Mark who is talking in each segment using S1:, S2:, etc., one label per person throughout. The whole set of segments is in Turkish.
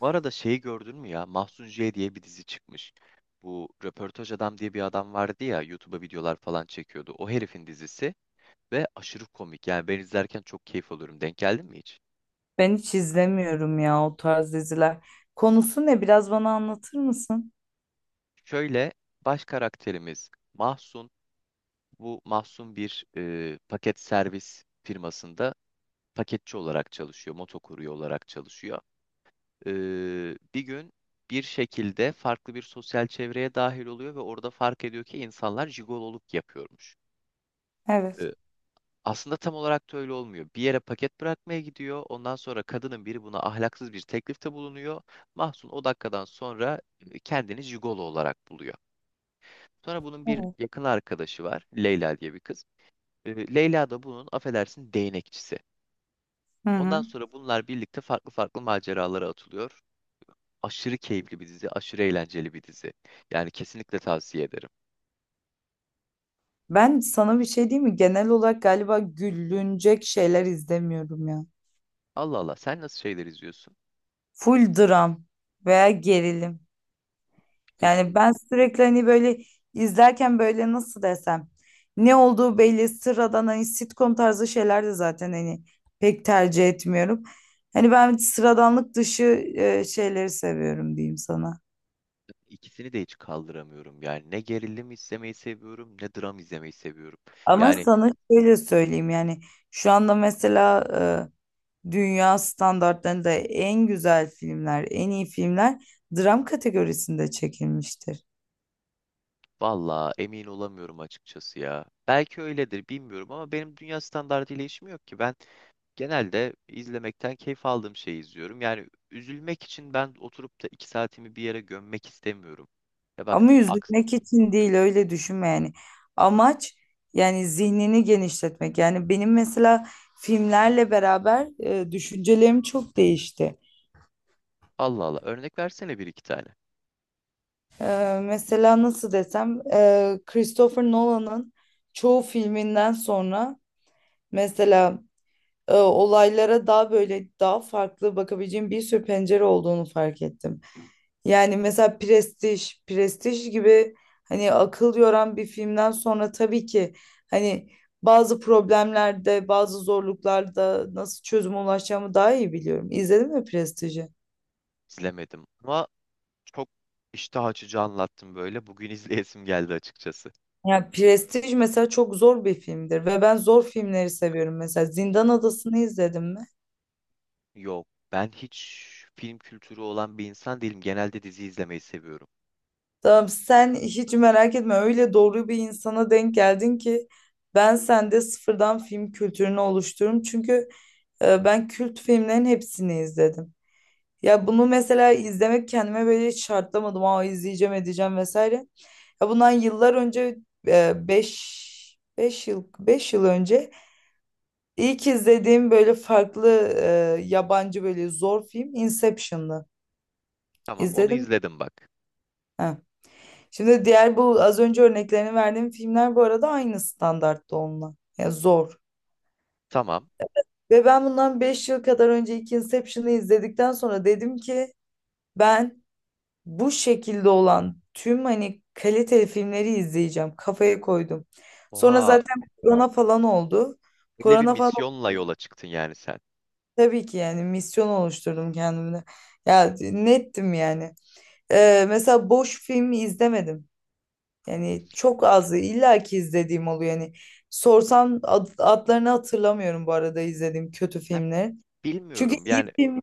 S1: Bu arada şeyi gördün mü ya? Mahsun J diye bir dizi çıkmış. Bu Röportaj Adam diye bir adam vardı ya, YouTube'a videolar falan çekiyordu. O herifin dizisi ve aşırı komik. Yani ben izlerken çok keyif alıyorum. Denk geldin mi hiç?
S2: Ben hiç izlemiyorum ya o tarz diziler. Konusu ne? Biraz bana anlatır mısın?
S1: Şöyle, baş karakterimiz Mahsun. Bu Mahsun bir paket servis firmasında paketçi olarak çalışıyor. Motokurye olarak çalışıyor. E, Bir gün bir şekilde farklı bir sosyal çevreye dahil oluyor ve orada fark ediyor ki insanlar jigololuk yapıyormuş.
S2: Evet.
S1: E, Aslında tam olarak da öyle olmuyor. Bir yere paket bırakmaya gidiyor. Ondan sonra kadının biri buna ahlaksız bir teklifte bulunuyor. Mahsun o dakikadan sonra kendini jigolo olarak buluyor. Sonra bunun bir
S2: Evet.
S1: yakın arkadaşı var. Leyla diye bir kız. Leyla da bunun affedersin değnekçisi.
S2: Hı
S1: Ondan
S2: hı.
S1: sonra bunlar birlikte farklı farklı maceralara atılıyor. Aşırı keyifli bir dizi, aşırı eğlenceli bir dizi. Yani kesinlikle tavsiye ederim.
S2: Ben sana bir şey diyeyim mi? Genel olarak galiba gülünecek şeyler izlemiyorum ya.
S1: Allah Allah, sen nasıl şeyler izliyorsun?
S2: Full dram veya gerilim.
S1: Bir
S2: Yani
S1: Şey
S2: ben sürekli hani böyle izlerken böyle nasıl desem ne olduğu belli sıradan hani sitcom tarzı şeyler de zaten hani pek tercih etmiyorum. Hani ben sıradanlık dışı şeyleri seviyorum diyeyim sana.
S1: İkisini de hiç kaldıramıyorum. Yani ne gerilim izlemeyi seviyorum ne dram izlemeyi seviyorum.
S2: Ama
S1: Yani
S2: sana şöyle söyleyeyim yani şu anda mesela dünya standartlarında en güzel filmler, en iyi filmler dram kategorisinde çekilmiştir.
S1: valla emin olamıyorum açıkçası ya. Belki öyledir, bilmiyorum ama benim dünya standartıyla işim yok ki. Ben genelde izlemekten keyif aldığım şeyi izliyorum. Yani üzülmek için ben oturup da iki saatimi bir yere gömmek istemiyorum. Ya bak
S2: Ama
S1: aks
S2: üzülmek için değil öyle düşünme yani. Amaç yani zihnini genişletmek. Yani benim mesela filmlerle beraber düşüncelerim çok değişti.
S1: Allah Allah, örnek versene bir iki tane.
S2: Mesela nasıl desem Christopher Nolan'ın çoğu filminden sonra mesela olaylara daha böyle daha farklı bakabileceğim bir sürü pencere olduğunu fark ettim. Yani mesela Prestij, Prestij gibi hani akıl yoran bir filmden sonra tabii ki hani bazı problemlerde, bazı zorluklarda nasıl çözüme ulaşacağımı daha iyi biliyorum. İzledin mi Prestij'i?
S1: İzlemedim ama çok iştah açıcı anlattım böyle. Bugün izleyesim geldi açıkçası.
S2: Ya Prestij mesela çok zor bir filmdir ve ben zor filmleri seviyorum. Mesela Zindan Adası'nı izledin mi?
S1: Yok. Ben hiç film kültürü olan bir insan değilim. Genelde dizi izlemeyi seviyorum.
S2: Tamam, sen hiç merak etme, öyle doğru bir insana denk geldin ki ben sende sıfırdan film kültürünü oluştururum. Çünkü ben kült filmlerin hepsini izledim. Ya bunu mesela izlemek kendime böyle hiç şartlamadım. Aa, izleyeceğim edeceğim vesaire. Ya bundan yıllar önce e, 5 5 yıl önce ilk izlediğim böyle farklı yabancı böyle zor film Inception'dı.
S1: Tamam, onu
S2: İzledim.
S1: izledim bak.
S2: Ha. Şimdi diğer bu az önce örneklerini verdiğim filmler bu arada aynı standartta onunla. Ya zor.
S1: Tamam.
S2: Ve ben bundan 5 yıl kadar önce ilk Inception'ı izledikten sonra dedim ki ben bu şekilde olan tüm hani kaliteli filmleri izleyeceğim. Kafaya koydum. Sonra
S1: Oha,
S2: zaten korona falan oldu.
S1: öyle bir
S2: Korona falan oldu.
S1: misyonla yola çıktın yani sen.
S2: Tabii ki yani misyon oluşturdum kendimde. Ya nettim yani. Mesela boş film izlemedim. Yani çok az illa ki izlediğim oluyor. Yani sorsam adlarını hatırlamıyorum bu arada izlediğim kötü
S1: Ya,
S2: filmleri. Çünkü
S1: bilmiyorum.
S2: iyi
S1: Yani
S2: film...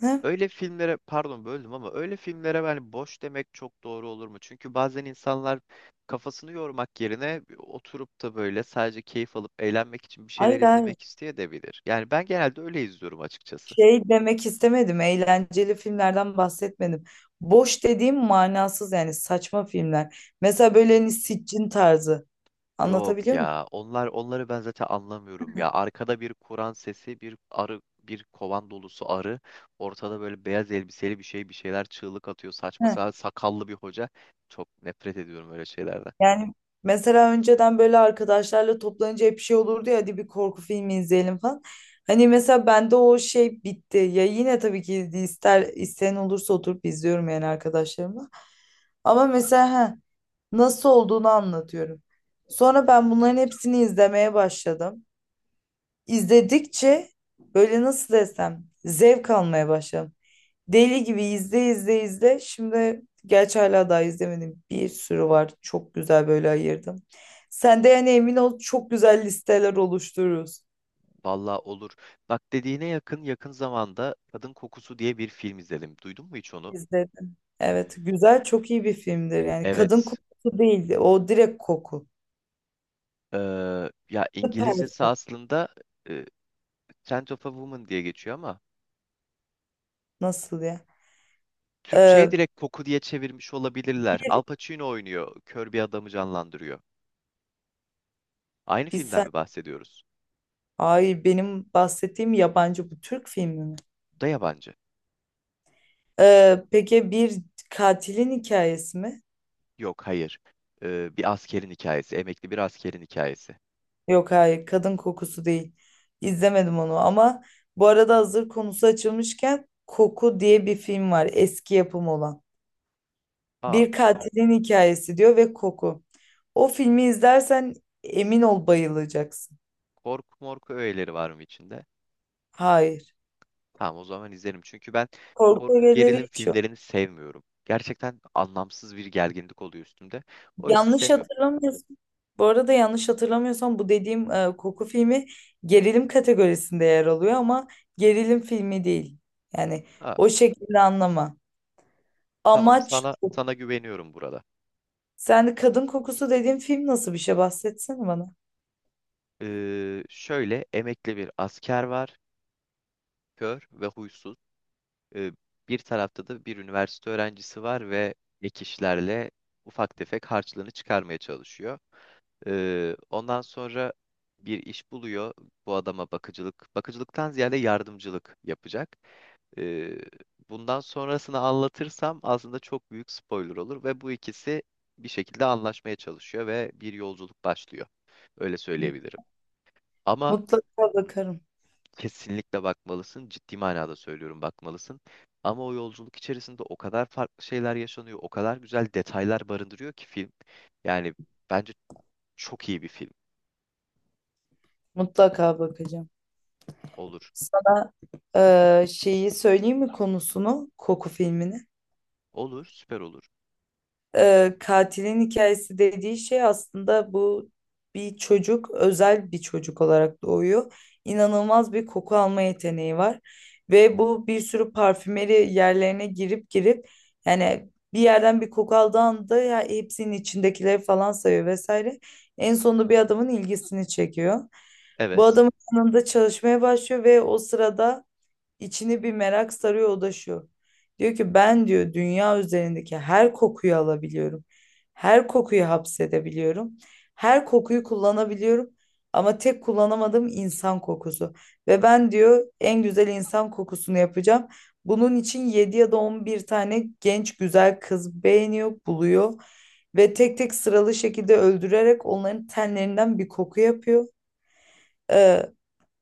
S2: Heh.
S1: öyle filmlere, pardon böldüm ama öyle filmlere ben boş demek çok doğru olur mu? Çünkü bazen insanlar kafasını yormak yerine oturup da böyle sadece keyif alıp eğlenmek için bir şeyler
S2: Hayır, hayır.
S1: izlemek isteyebilir. Yani ben genelde öyle izliyorum açıkçası.
S2: Şey demek istemedim. Eğlenceli filmlerden bahsetmedim. Boş dediğim manasız yani saçma filmler. Mesela böyle hani Siccin tarzı.
S1: Yok
S2: Anlatabiliyor muyum?
S1: ya. Onlar onları ben zaten anlamıyorum ya. Arkada bir Kur'an sesi, bir arı, bir kovan dolusu arı, ortada böyle beyaz elbiseli bir şey, bir şeyler çığlık atıyor, saçma
S2: Heh.
S1: sapan sakallı bir hoca. Çok nefret ediyorum öyle şeylerden.
S2: Yani mesela önceden böyle arkadaşlarla toplanınca hep şey olurdu ya, hadi bir korku filmi izleyelim falan. Hani mesela bende o şey bitti. Ya yine tabii ki ister isteyen olursa oturup izliyorum yani arkadaşlarımla. Ama mesela heh, nasıl olduğunu anlatıyorum. Sonra ben bunların hepsini izlemeye başladım. İzledikçe böyle nasıl desem zevk almaya başladım. Deli gibi izle izle izle. Şimdi gerçi hala daha izlemedim. Bir sürü var. Çok güzel böyle ayırdım. Sen de yani emin ol, çok güzel listeler oluştururuz.
S1: Vallahi olur. Bak, dediğine yakın, yakın zamanda Kadın Kokusu diye bir film izledim. Duydun mu hiç onu?
S2: İzledim. Evet, güzel, çok iyi bir filmdir. Yani kadın
S1: Evet.
S2: kokusu değildi. O direkt koku.
S1: Ee, Ya İngilizcesi
S2: Süper.
S1: aslında e, Scent of a Woman diye geçiyor ama
S2: Nasıl ya?
S1: Türkçe'ye
S2: Ee,
S1: direkt Koku diye çevirmiş olabilirler. Al Pacino oynuyor. Kör bir adamı canlandırıyor. Aynı
S2: bir
S1: filmden
S2: sen.
S1: mi bahsediyoruz?
S2: Hayır, benim bahsettiğim yabancı, bu Türk filmi mi?
S1: Bu da yabancı.
S2: Peki bir katilin hikayesi mi?
S1: Yok, hayır. Bir askerin hikayesi. Emekli bir askerin hikayesi.
S2: Yok hayır, kadın kokusu değil. İzlemedim onu ama bu arada hazır konusu açılmışken Koku diye bir film var, eski yapım olan.
S1: Aa,
S2: Bir katilin hikayesi diyor ve Koku. O filmi izlersen emin ol bayılacaksın.
S1: korku morku öğeleri var mı içinde?
S2: Hayır.
S1: Tamam, o zaman izlerim. Çünkü ben
S2: Korku
S1: korku
S2: ögeleri
S1: gerilim
S2: hiç yok.
S1: filmlerini sevmiyorum. Gerçekten anlamsız bir gerginlik oluyor üstümde. O hissi
S2: Yanlış
S1: sevmiyorum.
S2: hatırlamıyorsun. Bu arada yanlış hatırlamıyorsam bu dediğim Koku filmi gerilim kategorisinde yer alıyor ama gerilim filmi değil. Yani
S1: Ha,
S2: o şekilde anlama.
S1: tamam,
S2: Amaç.
S1: sana güveniyorum burada.
S2: Sen kadın kokusu dediğin film nasıl bir şey, bahsetsene bana.
S1: Şöyle, emekli bir asker var. Kör ve huysuz. E, Bir tarafta da bir üniversite öğrencisi var ve ek işlerle ufak tefek harçlığını çıkarmaya çalışıyor. Ondan sonra bir iş buluyor. Bu adama bakıcılık, bakıcılıktan ziyade yardımcılık yapacak. E, Bundan sonrasını anlatırsam aslında çok büyük spoiler olur ve bu ikisi bir şekilde anlaşmaya çalışıyor ve bir yolculuk başlıyor. Öyle söyleyebilirim. Ama
S2: Mutlaka bakarım.
S1: Kesinlikle bakmalısın. Ciddi manada söylüyorum, bakmalısın. Ama o yolculuk içerisinde o kadar farklı şeyler yaşanıyor, o kadar güzel detaylar barındırıyor ki film. Yani bence çok iyi bir film
S2: Mutlaka bakacağım.
S1: olur.
S2: Sana şeyi söyleyeyim mi konusunu? Koku filmini.
S1: Olur, süper olur.
S2: Katilin hikayesi dediği şey aslında bu, bir çocuk özel bir çocuk olarak doğuyor. İnanılmaz bir koku alma yeteneği var ve bu bir sürü parfümeri yerlerine girip girip yani bir yerden bir koku aldığı anda ya, hepsinin içindekileri falan sayıyor vesaire. En sonunda bir adamın ilgisini çekiyor. Bu
S1: Evet.
S2: adamın yanında çalışmaya başlıyor ve o sırada İçini bir merak sarıyor, o da şu. Diyor ki ben diyor dünya üzerindeki her kokuyu alabiliyorum. Her kokuyu hapsedebiliyorum. Her kokuyu kullanabiliyorum. Ama tek kullanamadığım insan kokusu. Ve ben diyor en güzel insan kokusunu yapacağım. Bunun için 7 ya da 11 tane genç güzel kız beğeniyor, buluyor. Ve tek tek sıralı şekilde öldürerek onların tenlerinden bir koku yapıyor. Ee,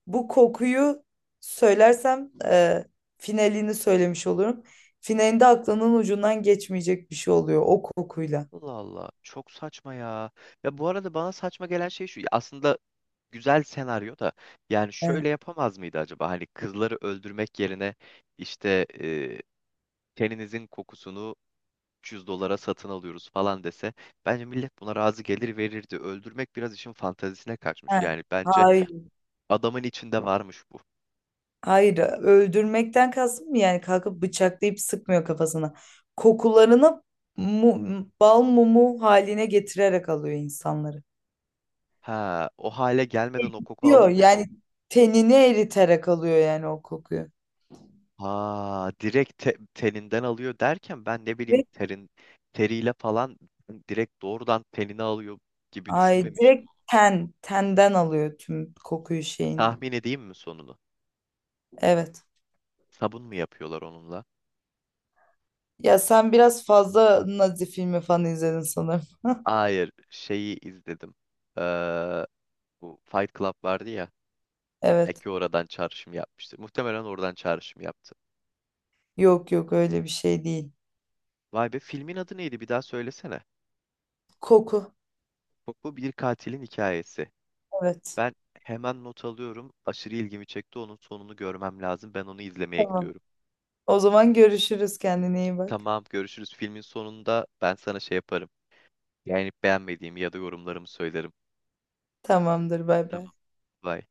S2: Bu kokuyu söylersem finalini söylemiş olurum. Finalinde aklının ucundan geçmeyecek bir şey oluyor o kokuyla.
S1: Allah Allah, çok saçma ya. Ya bu arada bana saçma gelen şey şu. Aslında güzel senaryo da yani
S2: Evet.
S1: şöyle yapamaz mıydı acaba? Hani kızları öldürmek yerine işte teninizin kokusunu 300 dolara satın alıyoruz falan dese bence millet buna razı gelir, verirdi. Öldürmek biraz işin fantezisine kaçmış.
S2: Ha,
S1: Yani bence
S2: hayır,
S1: adamın içinde varmış bu.
S2: hayır. Öldürmekten kastım mı yani, kalkıp bıçaklayıp sıkmıyor kafasına. Kokularını bal mumu haline getirerek alıyor insanları.
S1: Ha, o hale gelmeden o koku
S2: Yok
S1: alınmıyor mu?
S2: yani tenini eriterek alıyor yani o kokuyu.
S1: Ha, direkt teninden alıyor derken ben ne bileyim,
S2: Direkt-
S1: teriyle falan, direkt doğrudan tenini alıyor gibi
S2: Ay
S1: düşünmemiştim.
S2: direkt tenden alıyor tüm kokuyu şeyini.
S1: Tahmin edeyim mi sonunu?
S2: Evet.
S1: Sabun mu yapıyorlar onunla?
S2: Ya sen biraz fazla Nazi filmi falan izledin sanırım.
S1: Hayır, şeyi izledim. Ee, Bu Fight Club vardı ya.
S2: Evet.
S1: Eki oradan çağrışım yapmıştır. Muhtemelen oradan çağrışım yaptı.
S2: Yok yok, öyle bir şey değil.
S1: Vay be, filmin adı neydi bir daha söylesene.
S2: Koku.
S1: Bu bir katilin hikayesi.
S2: Evet.
S1: Ben hemen not alıyorum. Aşırı ilgimi çekti. Onun sonunu görmem lazım. Ben onu izlemeye
S2: Tamam.
S1: gidiyorum.
S2: O zaman görüşürüz. Kendine iyi bak.
S1: Tamam, görüşürüz. Filmin sonunda ben sana şey yaparım. Yani beğenmediğimi ya da yorumlarımı söylerim.
S2: Tamamdır. Bay bay.
S1: Tamam. Bye.